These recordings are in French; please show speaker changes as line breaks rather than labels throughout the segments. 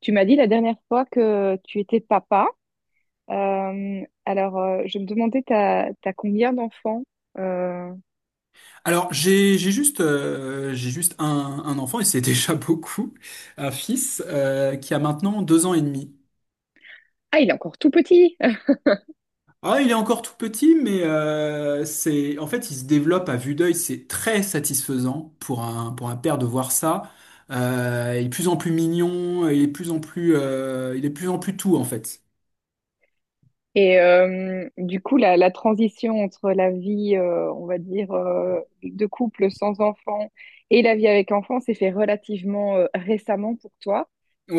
Tu m'as dit la dernière fois que tu étais papa. Je me demandais, t'as combien d'enfants? Euh,
Alors, j'ai juste un enfant, et c'est déjà beaucoup, un fils, qui a maintenant 2 ans et demi.
Ah, il est encore tout petit.
Ah, il est encore tout petit, mais en fait, il se développe à vue d'œil, c'est très satisfaisant pour pour un père de voir ça. Il est de plus en plus mignon, il est de plus en plus, il est de plus en plus tout, en fait.
Et du coup, la transition entre la vie, on va dire, de couple sans enfant et la vie avec enfant s'est fait relativement récemment pour toi.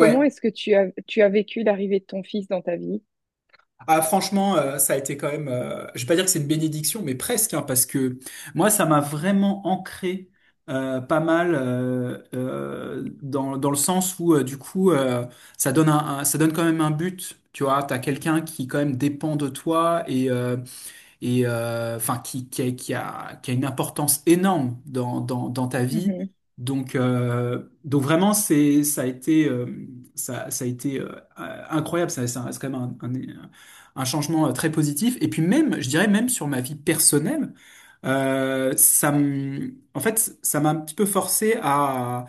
Comment est-ce que tu as vécu l'arrivée de ton fils dans ta vie?
Ah, franchement, ça a été quand même, je vais pas dire que c'est une bénédiction, mais presque, hein, parce que moi, ça m'a vraiment ancré, pas mal, dans le sens où, du coup, ça donne ça donne quand même un but, tu vois, t'as quelqu'un qui quand même dépend de toi et enfin qui a une importance énorme dans ta vie.
Mhm,
Donc vraiment, ça a été, ça a été, incroyable. C'est quand même un changement, très positif. Et puis même, je dirais même sur ma vie personnelle, en fait, ça m'a un petit peu forcé à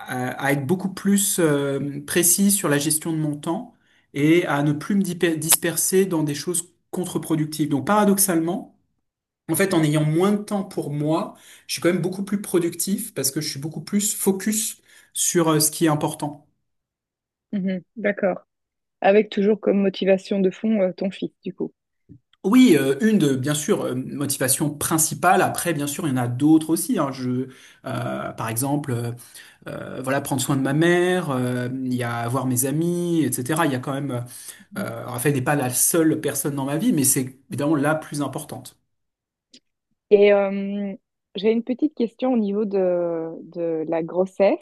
à, à être beaucoup plus, précis sur la gestion de mon temps et à ne plus disperser dans des choses contre-productif. Donc paradoxalement, en fait, en ayant moins de temps pour moi, je suis quand même beaucoup plus productif parce que je suis beaucoup plus focus sur, ce qui est important.
mhm, d'accord. Avec toujours comme motivation de fond, ton fils, du coup.
Oui, bien sûr, motivation principale. Après, bien sûr, il y en a d'autres aussi, hein. Par exemple, voilà, prendre soin de ma mère, il y a voir mes amis, etc. Il y a quand même, Raphaël n'est pas la seule personne dans ma vie, mais c'est évidemment la plus importante.
Et j'ai une petite question au niveau de la grossesse.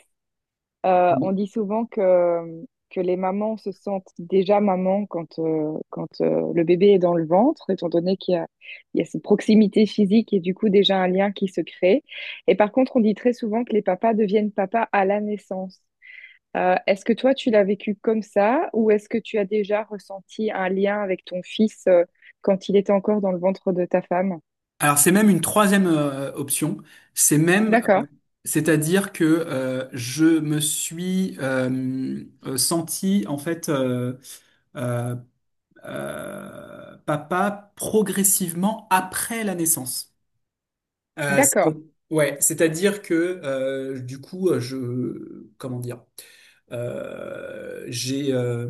On dit souvent que les mamans se sentent déjà mamans quand, quand le bébé est dans le ventre, étant donné qu'il y a, il y a cette proximité physique et du coup déjà un lien qui se crée. Et par contre, on dit très souvent que les papas deviennent papas à la naissance. Est-ce que toi, tu l'as vécu comme ça ou est-ce que tu as déjà ressenti un lien avec ton fils quand il était encore dans le ventre de ta femme?
Alors c'est même une troisième, option. C'est même, euh,
D'accord,
C'est-à-dire que, je me suis, senti en fait euh, papa progressivement après la naissance. Euh, c'est-
d'accord.
ouais, c'est-à-dire que, du coup, comment dire, j'ai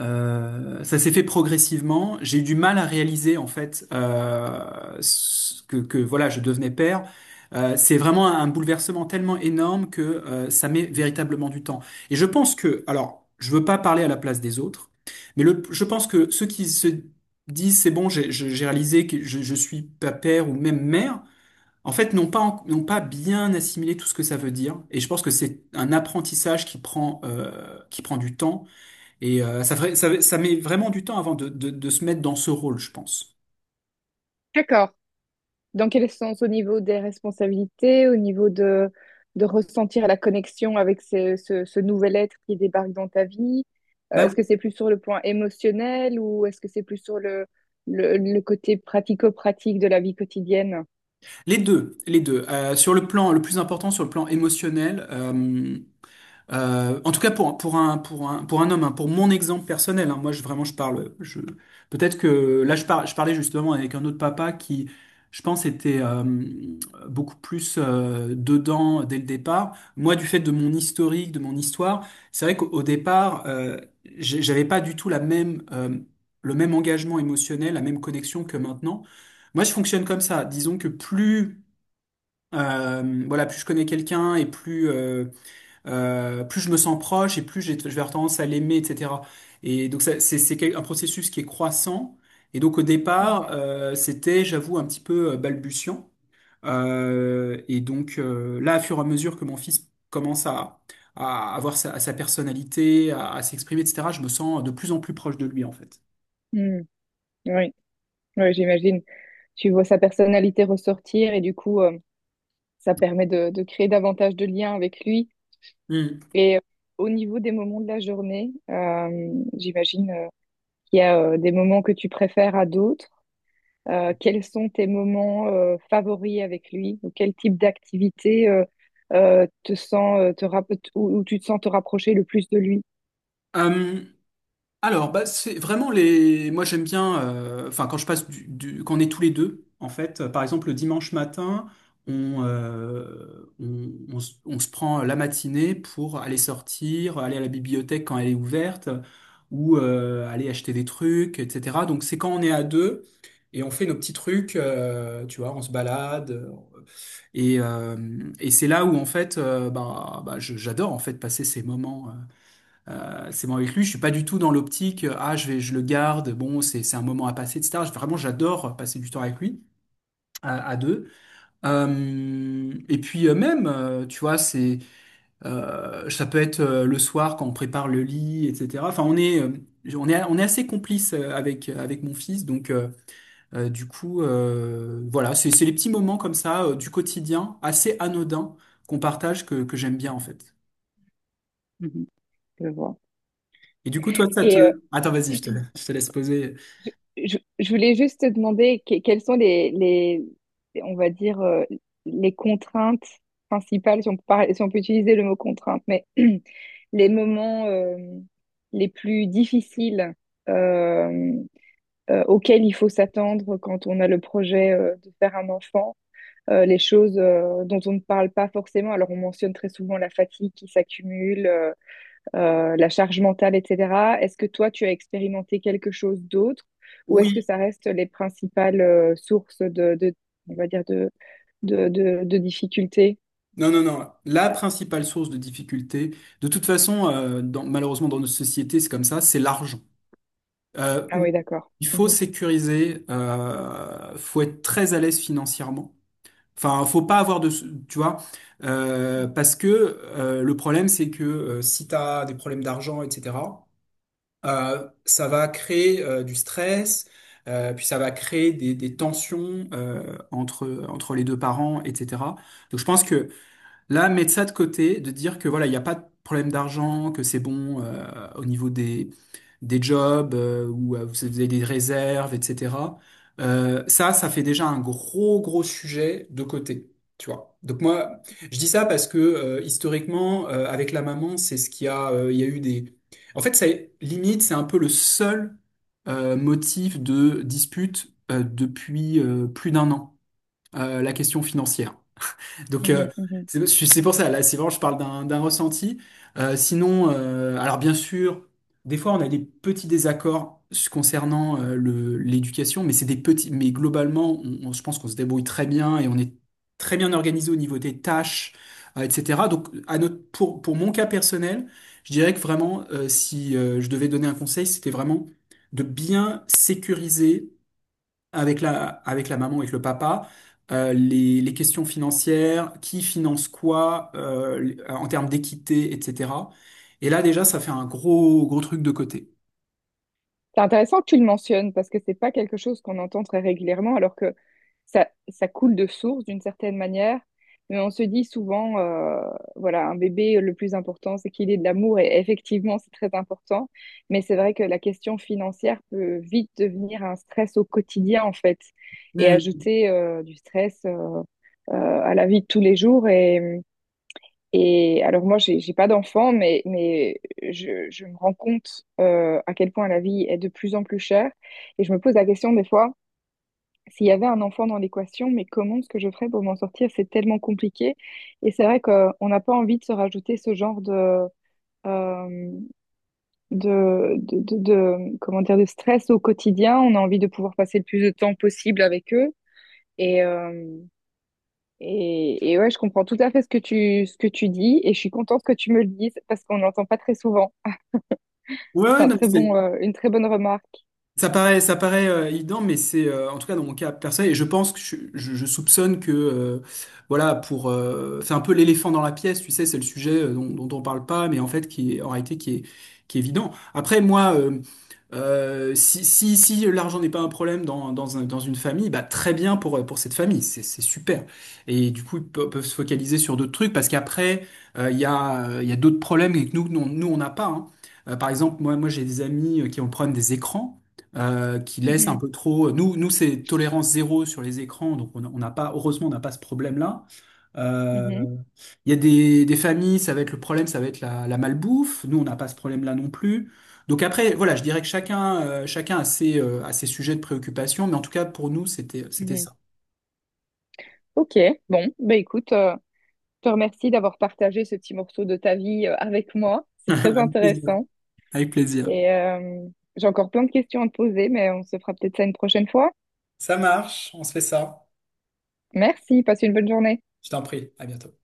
ça s'est fait progressivement. J'ai eu du mal à réaliser en fait, que voilà, je devenais père. C'est vraiment un bouleversement tellement énorme que, ça met véritablement du temps. Et je pense que, alors, je veux pas parler à la place des autres, mais je pense que ceux qui se disent c'est bon, j'ai réalisé que je suis pas père ou même mère, en fait, n'ont pas bien assimilé tout ce que ça veut dire. Et je pense que c'est un apprentissage qui prend, qui prend du temps et, ça met vraiment du temps avant de se mettre dans ce rôle, je pense.
D'accord. Dans quel sens? Au niveau des responsabilités, au niveau de ressentir la connexion avec ce nouvel être qui débarque dans ta vie?
Bah
Est-ce que
oui.
c'est plus sur le point émotionnel ou est-ce que c'est plus sur le côté pratico-pratique de la vie quotidienne?
Les deux, les deux. Le plus important, sur le plan émotionnel. En tout cas pour un homme, hein, pour mon exemple personnel, hein, moi je vraiment je parle je peut-être que là je parlais justement avec un autre papa qui je pense était, beaucoup plus, dedans dès le départ. Moi du fait de mon historique, de mon histoire, c'est vrai qu'au départ, j'avais pas du tout la même, le même engagement émotionnel, la même connexion que maintenant. Moi je fonctionne comme ça, disons que plus, voilà plus je connais quelqu'un et plus, plus je me sens proche et plus je vais avoir tendance à l'aimer, etc. Et donc ça, un processus qui est croissant. Et donc au départ,
Mhm.
c'était, j'avoue, un petit peu, balbutiant. Et donc, là, au fur et à mesure que mon fils commence à avoir sa personnalité, à s'exprimer, etc., je me sens de plus en plus proche de lui, en fait.
Hmm. Oui, oui, j'imagine. Tu vois sa personnalité ressortir et du coup, ça permet de créer davantage de liens avec lui.
Hmm.
Et au niveau des moments de la journée, j'imagine. Qu'il y a des moments que tu préfères à d'autres. Quels sont tes moments favoris avec lui ou quel type d'activité te sens, te rapp- où, où tu te sens te rapprocher le plus de lui?
Euh, Alors, bah, c'est vraiment les. Moi, j'aime bien. Enfin, quand je passe quand on est tous les deux, en fait, par exemple, le dimanche matin, on se prend la matinée pour aller sortir, aller à la bibliothèque quand elle est ouverte, ou, aller acheter des trucs, etc. Donc, c'est quand on est à deux et on fait nos petits trucs, tu vois, on se balade. Et, euh, et c'est là où en fait, bah, j'adore en fait passer ces moments. C'est bon avec lui, je suis pas du tout dans l'optique, ah, je le garde, bon, c'est un moment à passer, etc. Vraiment, j'adore passer du temps avec lui, à deux. Et puis, même, tu vois, ça peut être, le soir quand on prépare le lit, etc. Enfin, on est assez complices, avec mon fils, donc, du coup, voilà, c'est les petits moments comme ça, du quotidien, assez anodins, qu'on partage, que j'aime bien, en fait.
Mhm, je vois.
Et du coup, toi, ça te...
Et
Attends, vas-y, je te laisse poser.
je, je voulais juste te demander quelles sont on va dire, les contraintes principales, si on peut, si on peut utiliser le mot contrainte, mais les moments les plus difficiles euh, auxquelles il faut s'attendre quand on a le projet de faire un enfant, les choses dont on ne parle pas forcément. Alors on mentionne très souvent la fatigue qui s'accumule, la charge mentale, etc. Est-ce que toi, tu as expérimenté quelque chose d'autre ou est-ce que
Oui.
ça reste les principales sources de, on va dire de difficultés?
Non, non, non. La principale source de difficulté, de toute façon, malheureusement dans notre société, c'est comme ça, c'est l'argent.
Ah
Où
oui, d'accord.
il faut
Mhm.
sécuriser, faut être très à l'aise financièrement. Enfin, faut pas avoir de, tu vois, parce que, le problème, c'est que, si tu as des problèmes d'argent, etc., ça va créer, du stress, puis ça va créer des tensions, entre les deux parents, etc. Donc, je pense que là, mettre ça de côté, de dire que voilà, il n'y a pas de problème d'argent, que c'est bon, au niveau des jobs, ou, vous avez des réserves, etc. Ça fait déjà un gros, gros sujet de côté. Tu vois. Donc moi, je dis ça parce que, historiquement, avec la maman, c'est ce qu'il y a, il y a eu des. En fait, c'est limite, c'est un peu le seul, motif de dispute, depuis, plus d'un an, la question financière. Donc,
Mhm, mhm.
c'est pour ça, là, c'est vraiment, je parle d'un ressenti. Sinon, alors bien sûr, des fois, on a des petits désaccords concernant, l'éducation, mais c'est des petits, mais globalement, je pense qu'on se débrouille très bien et on est très bien organisé au niveau des tâches, etc. Donc, pour mon cas personnel, je dirais que vraiment, si, je devais donner un conseil, c'était vraiment de bien sécuriser avec la maman, avec le papa, les questions financières, qui finance quoi, en termes d'équité, etc. Et là, déjà, ça fait un gros, gros truc de côté.
C'est intéressant que tu le mentionnes parce que c'est pas quelque chose qu'on entend très régulièrement alors que ça coule de source d'une certaine manière. Mais on se dit souvent, voilà, un bébé, le plus important, c'est qu'il ait de l'amour et effectivement, c'est très important. Mais c'est vrai que la question financière peut vite devenir un stress au quotidien en fait et
Hmm.
ajouter du stress à la vie de tous les jours et alors moi, j'ai pas d'enfant, mais je me rends compte à quel point la vie est de plus en plus chère. Et je me pose la question des fois, s'il y avait un enfant dans l'équation, mais comment est-ce que je ferais pour m'en sortir? C'est tellement compliqué. Et c'est vrai qu'on n'a pas envie de se rajouter ce genre de, euh, comment dire, de stress au quotidien. On a envie de pouvoir passer le plus de temps possible avec eux. Et euh, et ouais, je comprends tout à fait ce que ce que tu dis et je suis contente que tu me le dises parce qu'on n'entend pas très souvent.
Ouais,
C'est
ouais,
un
non.
très bon, une très bonne remarque.
Ça paraît, ça paraît, évident, mais c'est, en tout cas dans mon cas personnel, et je pense que je soupçonne que, voilà pour c'est un peu l'éléphant dans la pièce, tu sais, c'est le sujet, dont on parle pas, mais en fait qui est en réalité qui est évident. Après moi, si l'argent n'est pas un problème dans une famille, bah très bien pour cette famille, c'est super. Et du coup peuvent se focaliser sur d'autres trucs parce qu'après, il y a d'autres problèmes que nous on n'a pas, hein. Par exemple moi moi j'ai des amis, qui ont le problème des écrans, qui laisse un
Mhm,
peu trop. Nous, nous c'est tolérance zéro sur les écrans, donc on n'a pas, heureusement, on n'a pas ce problème-là. Euh,
mhm,
Il y a des familles, ça va être le problème, ça va être la malbouffe. Nous, on n'a pas ce problème-là non plus. Donc après, voilà, je dirais que chacun a ses sujets de préoccupation, mais en tout cas, pour nous, c'était
mhm.
ça.
Ok, bon, bah écoute, je te remercie d'avoir partagé ce petit morceau de ta vie avec moi. C'est très
Avec plaisir.
intéressant
Avec plaisir.
et j'ai encore plein de questions à te poser, mais on se fera peut-être ça une prochaine fois.
Ça marche, on se fait ça.
Merci, passe une bonne journée.
Je t'en prie, à bientôt.